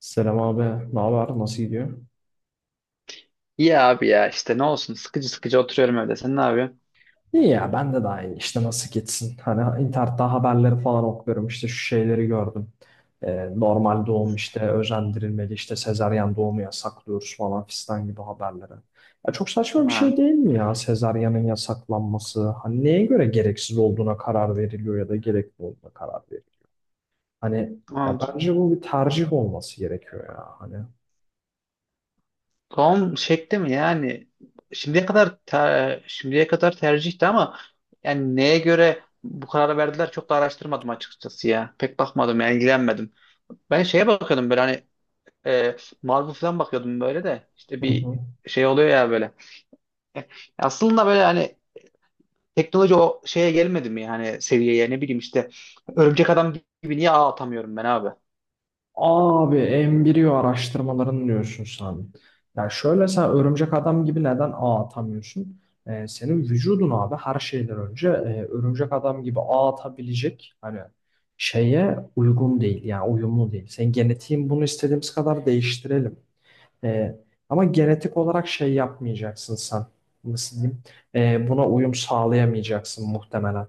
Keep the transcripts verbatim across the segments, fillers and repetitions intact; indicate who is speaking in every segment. Speaker 1: Selam abi, ne haber? Nasıl gidiyor?
Speaker 2: İyi abi ya işte ne olsun sıkıcı sıkıcı oturuyorum öyle. Sen ne yapıyorsun?
Speaker 1: İyi ya, ben de daha iyi. İşte nasıl gitsin? Hani internette haberleri falan okuyorum. İşte şu şeyleri gördüm. Ee, normal doğum işte özendirilmeli, işte sezaryen doğumu yasaklıyoruz falan fistan gibi haberleri. Ya çok saçma bir şey
Speaker 2: Ha.
Speaker 1: değil mi ya sezaryenin yasaklanması? Hani neye göre gereksiz olduğuna karar veriliyor ya da gerekli olduğuna karar veriliyor? Hani ya
Speaker 2: Ama
Speaker 1: bence bu bir tercih olması gerekiyor ya hani.
Speaker 2: Tom şekli mi yani şimdiye kadar ter- şimdiye kadar tercihti ama yani neye göre bu kararı verdiler çok da araştırmadım açıkçası ya. Pek bakmadım yani ilgilenmedim. Ben şeye bakıyordum böyle hani e, Marvel falan bakıyordum böyle de işte
Speaker 1: Hı
Speaker 2: bir
Speaker 1: hı.
Speaker 2: şey oluyor ya böyle. E, Aslında böyle hani teknoloji o şeye gelmedi mi yani seviyeye ne bileyim işte Örümcek Adam gibi niye ağ atamıyorum ben abi?
Speaker 1: Abi embriyo araştırmalarını diyorsun sen. Ya şöyle sen örümcek adam gibi neden ağ atamıyorsun? Ee, senin vücudun abi her şeyden önce e, örümcek adam gibi ağ atabilecek hani şeye uygun değil yani uyumlu değil. Senin genetiğin bunu istediğimiz kadar değiştirelim. Ee, Ama genetik olarak şey yapmayacaksın sen. Nasıl diyeyim? Ee, buna uyum sağlayamayacaksın muhtemelen.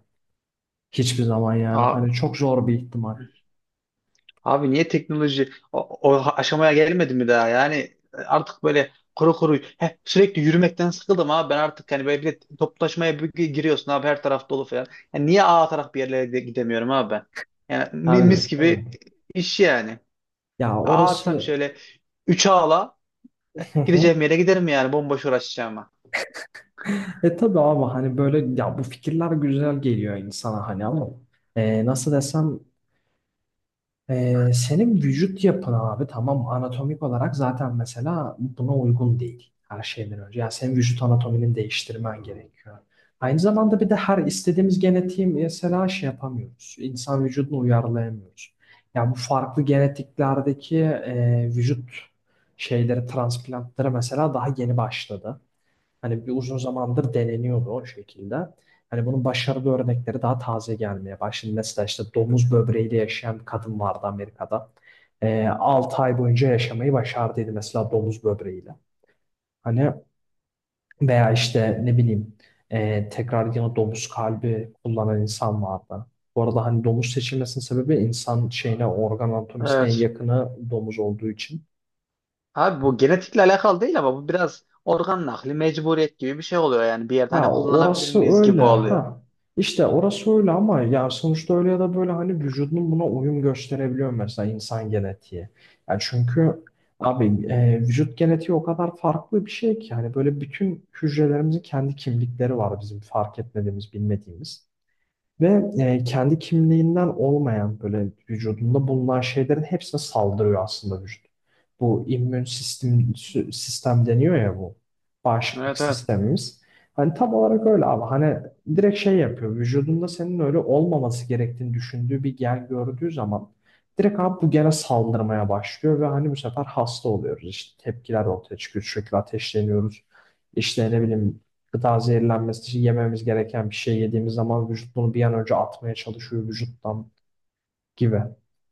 Speaker 1: Hiçbir zaman yani
Speaker 2: Ağ
Speaker 1: hani çok zor bir ihtimal.
Speaker 2: Abi niye teknoloji o, o aşamaya gelmedi mi daha? Yani e, artık böyle kuru kuru heh, sürekli yürümekten sıkıldım abi. Ben artık hani böyle bir de toplaşmaya bir gi- giriyorsun abi her taraf dolu falan. Yani niye A taraf bir yerlere de gidemiyorum abi ben? Yani mi- mis
Speaker 1: Yani,
Speaker 2: gibi
Speaker 1: evet.
Speaker 2: iş yani.
Speaker 1: Ya
Speaker 2: A atsam
Speaker 1: orası
Speaker 2: şöyle üç ağla gideceğim yere giderim yani bomboş uğraşacağıma.
Speaker 1: e tabii abi hani böyle ya bu fikirler güzel geliyor insana hani ama e, nasıl desem, e, senin vücut yapın abi tamam anatomik olarak zaten mesela buna uygun değil her şeyden önce. Yani senin vücut anatominin değiştirmen gerekiyor. Aynı zamanda bir de her istediğimiz genetiği mesela şey yapamıyoruz. İnsan vücudunu uyarlayamıyoruz. Ya bu farklı genetiklerdeki e, vücut şeyleri transplantları mesela daha yeni başladı. Hani bir uzun zamandır deneniyordu o şekilde. Hani bunun başarılı örnekleri daha taze gelmeye başladı. Mesela işte domuz böbreğiyle yaşayan bir kadın vardı Amerika'da. Ee, altı ay boyunca yaşamayı başardıydı mesela domuz böbreğiyle. Hani, veya işte ne bileyim, e, tekrar yine domuz kalbi kullanan insan vardı. Bu arada hani domuz seçilmesinin sebebi insan şeyine organ anatomisine en
Speaker 2: Evet.
Speaker 1: yakını domuz olduğu için.
Speaker 2: Abi bu genetikle alakalı değil ama bu biraz organ nakli mecburiyet gibi bir şey oluyor yani bir yerde hani
Speaker 1: Ya
Speaker 2: kullanabilir
Speaker 1: orası
Speaker 2: miyiz gibi
Speaker 1: öyle
Speaker 2: oluyor.
Speaker 1: ha. İşte orası öyle ama ya sonuçta öyle ya da böyle hani vücudun buna uyum gösterebiliyor mesela insan genetiği. Ya çünkü abi e, vücut genetiği o kadar farklı bir şey ki hani böyle bütün hücrelerimizin kendi kimlikleri var bizim fark etmediğimiz, bilmediğimiz. Ve e, kendi kimliğinden olmayan böyle vücudunda bulunan şeylerin hepsine saldırıyor aslında vücut. Bu immün sistem, sü- sistem deniyor ya bu. Bağışıklık
Speaker 2: Evet, evet.
Speaker 1: sistemimiz. Hani tam olarak öyle abi. Hani direkt şey yapıyor. Vücudunda senin öyle olmaması gerektiğini düşündüğü bir gen gördüğü zaman direkt abi bu gene saldırmaya başlıyor ve hani bu sefer hasta oluyoruz. İşte tepkiler ortaya çıkıyor. Sürekli ateşleniyoruz. İşte ne bileyim, gıda zehirlenmesi, yememiz gereken bir şey yediğimiz zaman vücut bunu bir an önce atmaya çalışıyor vücuttan gibi.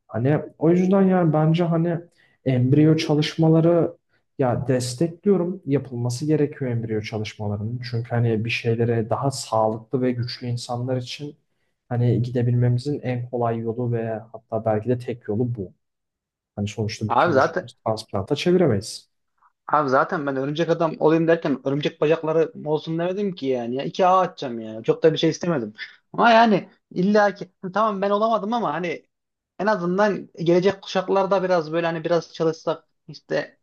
Speaker 1: Hani o yüzden yani bence hani embriyo çalışmaları, ya, destekliyorum. Yapılması gerekiyor embriyo çalışmalarının. Çünkü hani bir şeylere daha sağlıklı ve güçlü insanlar için hani gidebilmemizin en kolay yolu ve hatta belki de tek yolu bu. Hani sonuçta
Speaker 2: Abi
Speaker 1: bütün
Speaker 2: zaten
Speaker 1: vücudumuzu transplanta çeviremeyiz.
Speaker 2: Abi zaten ben örümcek adam olayım derken örümcek bacakları olsun demedim ki yani. Ya iki ağ atacağım yani. Çok da bir şey istemedim. Ama yani illa ki "Hı, tamam ben olamadım ama hani en azından gelecek kuşaklarda biraz böyle hani biraz çalışsak işte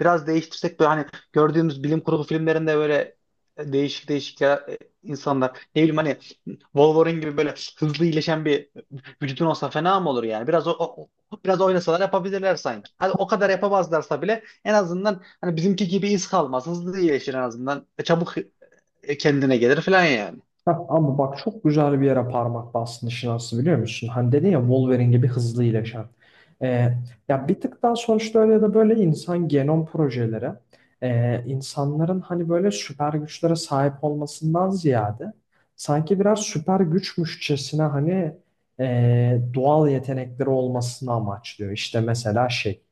Speaker 2: biraz değiştirsek böyle hani gördüğümüz bilim kurgu filmlerinde böyle değişik değişik ya, e, insanlar ne bileyim hani Wolverine gibi böyle hızlı iyileşen bir vücudun olsa fena mı olur yani? Biraz o, o- o- biraz oynasalar yapabilirler sanki. Hadi o kadar yapamazlarsa bile en azından hani bizimki gibi iz kalmaz. Hızlı iyileşir en azından. E, Çabuk e, kendine gelir falan yani.
Speaker 1: Heh, ama bak çok güzel bir yere parmak bastın işin aslı, biliyor musun? Hani dedin ya Wolverine gibi hızlı iyileşen. Ee, ya bir tık daha sonuçta öyle ya da böyle insan genom projeleri ee, insanların hani böyle süper güçlere sahip olmasından ziyade sanki biraz süper güçmüşçesine hani ee, doğal yetenekleri olmasını amaçlıyor. İşte mesela şey,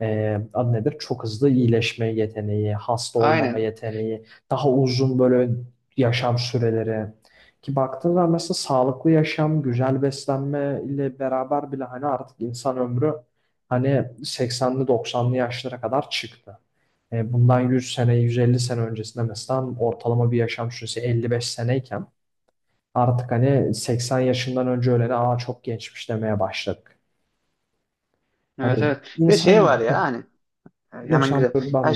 Speaker 1: e, adı nedir? Çok hızlı iyileşme yeteneği, hasta olmama
Speaker 2: Aynen.
Speaker 1: yeteneği, daha uzun böyle yaşam süreleri. Ki baktığın zaman mesela sağlıklı yaşam, güzel beslenme ile beraber bile hani artık insan ömrü hani seksenli doksanlı yaşlara kadar çıktı. E, bundan yüz sene, yüz elli sene öncesinde mesela ortalama bir yaşam süresi elli beş seneyken artık hani seksen yaşından önce ölene aa çok gençmiş demeye başladık. Hani
Speaker 2: Evet, evet. Bir de
Speaker 1: insan
Speaker 2: şey var ya hani e,
Speaker 1: yok
Speaker 2: hemen
Speaker 1: sen
Speaker 2: güzel.
Speaker 1: dur, ben
Speaker 2: Ya,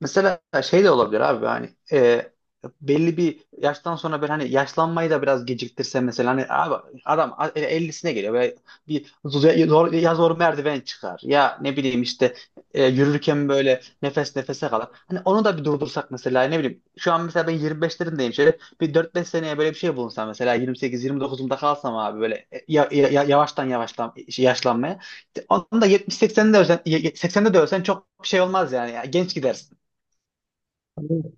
Speaker 2: mesela şey de olabilir abi hani e, belli bir yaştan sonra böyle hani yaşlanmayı da biraz geciktirse mesela hani abi adam a- ellisine geliyor böyle bir zor, zor- ya zor merdiven çıkar ya ne bileyim işte e, yürürken böyle nefes nefese kalır. Hani onu da bir durdursak mesela ne bileyim şu an mesela ben yirmi beşlerindeyim şöyle bir dört beş seneye böyle bir şey bulunsam mesela yirmi sekiz yirmi dokuzumda kalsam abi böyle e, ya, ya- yavaştan yavaştan işte, yaşlanmaya. Onda yetmiş seksende ölsen, seksende de ölsen çok bir şey olmaz yani. Ya, genç gidersin.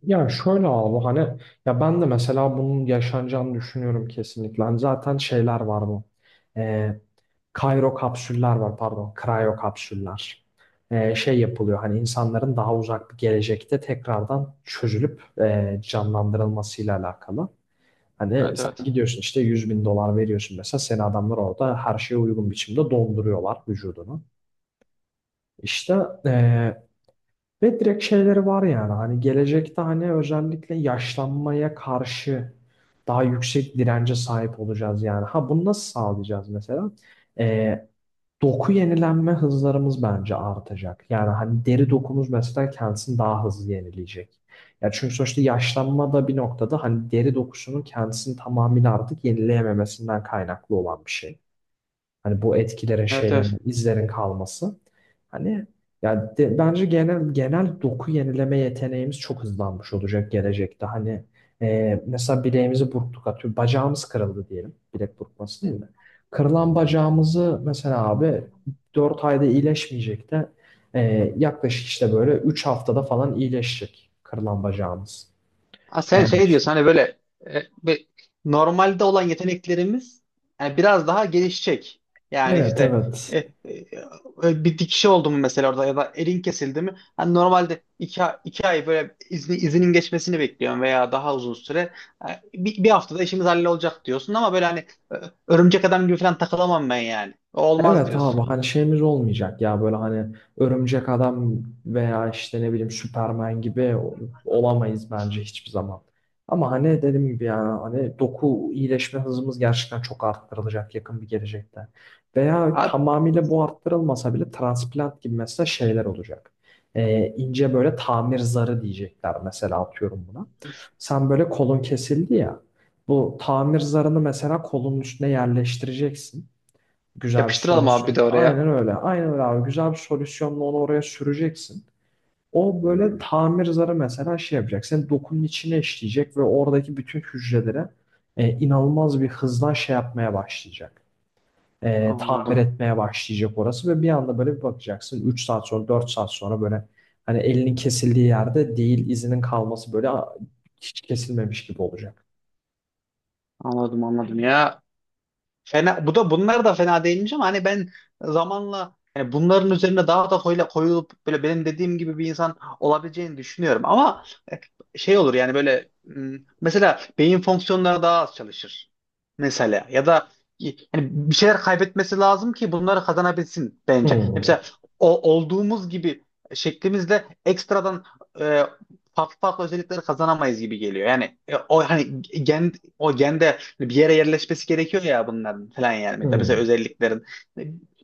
Speaker 1: ya şöyle abi hani ya ben de mesela bunun yaşanacağını düşünüyorum kesinlikle. Hani zaten şeyler var bu. Ee, Kairo kapsüller var, pardon. Krayo kapsüller. Ee, şey yapılıyor hani insanların daha uzak bir gelecekte tekrardan çözülüp e, canlandırılmasıyla alakalı. Hani
Speaker 2: Evet,
Speaker 1: sen
Speaker 2: evet.
Speaker 1: gidiyorsun işte yüz bin dolar veriyorsun mesela, seni adamlar orada her şeye uygun biçimde donduruyorlar vücudunu. İşte eee, ve direkt şeyleri var yani hani gelecekte hani özellikle yaşlanmaya karşı daha yüksek dirence sahip olacağız yani. Ha, bunu nasıl sağlayacağız mesela? Ee, Doku yenilenme hızlarımız bence artacak. Yani hani deri dokumuz mesela kendisini daha hızlı yenileyecek. Ya çünkü sonuçta yaşlanma da bir noktada hani deri dokusunun kendisini tamamıyla artık yenileyememesinden kaynaklı olan bir şey. Hani bu etkilerin,
Speaker 2: Evet,
Speaker 1: şeylerin,
Speaker 2: evet.
Speaker 1: izlerin kalması. Hani ya de- bence genel genel doku yenileme yeteneğimiz çok hızlanmış olacak gelecekte. Hani e, mesela bileğimizi burktuk atıyor. Bacağımız kırıldı diyelim. Bilek burkması değil mi? Kırılan bacağımızı mesela abi dört ayda iyileşmeyecek de e, yaklaşık işte böyle üç haftada falan iyileşecek kırılan bacağımız.
Speaker 2: Ha, sen
Speaker 1: Veya
Speaker 2: şey
Speaker 1: işte.
Speaker 2: diyorsun hani böyle e, bir- normalde olan yeteneklerimiz yani biraz daha gelişecek. Yani
Speaker 1: Evet,
Speaker 2: işte
Speaker 1: evet.
Speaker 2: e, e, e, bir dikişi oldu mu mesela orada ya da elin kesildi mi? Hani normalde iki, a- iki ay böyle izni, izinin geçmesini bekliyorum veya daha uzun süre. E, Bir, bir haftada işimiz hallolacak diyorsun ama böyle hani e, örümcek adam gibi falan takılamam ben yani. O olmaz
Speaker 1: Evet
Speaker 2: diyorsun.
Speaker 1: abi hani şeyimiz olmayacak ya böyle hani örümcek adam veya işte ne bileyim Superman gibi o- olamayız bence hiçbir zaman. Ama hani dediğim gibi yani hani doku iyileşme hızımız gerçekten çok arttırılacak yakın bir gelecekte. Veya
Speaker 2: Abi,
Speaker 1: tamamıyla bu arttırılmasa bile transplant gibi mesela şeyler olacak. Ee, ince böyle tamir zarı diyecekler mesela, atıyorum buna. Sen böyle kolun kesildi ya. Bu tamir zarını mesela kolun üstüne yerleştireceksin. Güzel bir
Speaker 2: yapıştıralım abi bir de
Speaker 1: solüsyon.
Speaker 2: oraya.
Speaker 1: Aynen öyle. Aynen öyle abi. Güzel bir solüsyonla onu oraya süreceksin. O böyle tamir zarı mesela şey yapacak. Senin dokunun içine işleyecek ve oradaki bütün hücrelere e, inanılmaz bir hızla şey yapmaya başlayacak. E, tamir
Speaker 2: Anladım.
Speaker 1: etmeye başlayacak orası ve bir anda böyle bir bakacaksın. Üç saat sonra dört saat sonra böyle hani elinin kesildiği yerde değil izinin kalması, böyle a, hiç kesilmemiş gibi olacak.
Speaker 2: Anladım, anladım ya. Fena, bu da bunlar da fena değilmiş ama hani ben zamanla yani bunların üzerine daha da koyla, koyulup böyle benim dediğim gibi bir insan olabileceğini düşünüyorum. Ama e, şey olur yani böyle m, mesela beyin fonksiyonları daha az çalışır. Mesela ya da y- yani bir şeyler kaybetmesi lazım ki bunları kazanabilsin bence. Hani
Speaker 1: Hmm,
Speaker 2: mesela o olduğumuz gibi şeklimizle ekstradan e, farklı farklı özellikleri kazanamayız gibi geliyor. Yani e, o hani gen o gende bir yere yerleşmesi gerekiyor ya bunların falan yani. Mesela mesela
Speaker 1: hmm.
Speaker 2: özelliklerin.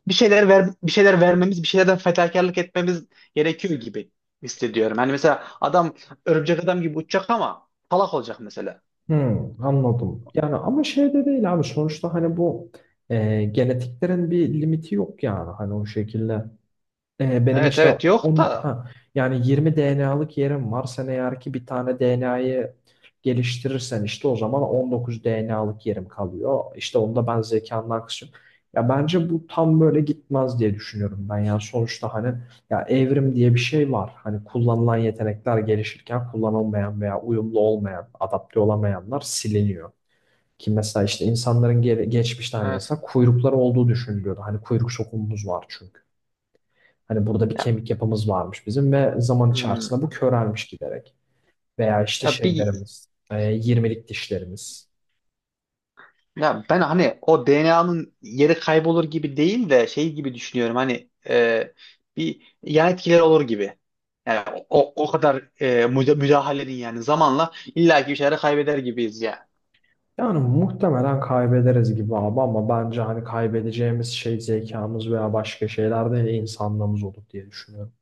Speaker 2: Bir şeyler ver, bir şeyler vermemiz, bir şeylerden fedakarlık etmemiz gerekiyor gibi hissediyorum. Hani mesela adam örümcek adam gibi uçacak ama salak olacak mesela.
Speaker 1: Hmm, anladım. Yani ama şey de değil abi sonuçta hani bu e, genetiklerin bir limiti yok yani hani o şekilde. Ee, benim
Speaker 2: Evet,
Speaker 1: işte
Speaker 2: evet, yok
Speaker 1: on,
Speaker 2: da
Speaker 1: ha, yani yirmi D N A'lık yerim var. Sen eğer ki bir tane D N A'yı geliştirirsen işte o zaman on dokuz D N A'lık yerim kalıyor. İşte onda ben zekandan kısıyorum. Ya bence bu tam böyle gitmez diye düşünüyorum ben. Yani sonuçta hani ya evrim diye bir şey var. Hani kullanılan yetenekler gelişirken kullanılmayan veya uyumlu olmayan, adapte olamayanlar siliniyor. Ki mesela işte insanların ge- geçmişte hani
Speaker 2: evet.
Speaker 1: mesela kuyrukları olduğu düşünülüyordu. Hani kuyruk sokumumuz var çünkü. Hani burada bir
Speaker 2: Ya,
Speaker 1: kemik yapımız varmış bizim ve zaman
Speaker 2: hmm.
Speaker 1: içerisinde bu körelmiş giderek. Veya işte
Speaker 2: Ya bir
Speaker 1: şeylerimiz, e, yirmilik dişlerimiz.
Speaker 2: Ya ben hani o D N A'nın yeri kaybolur gibi değil de şey gibi düşünüyorum hani e, bir yan etkileri olur gibi. Yani o, o kadar e, müda- müdahalenin yani zamanla illaki bir şeyleri kaybeder gibiyiz
Speaker 1: Yani muhtemelen kaybederiz gibi abi ama bence hani kaybedeceğimiz şey zekamız veya başka şeyler değil insanlığımız olur diye düşünüyorum.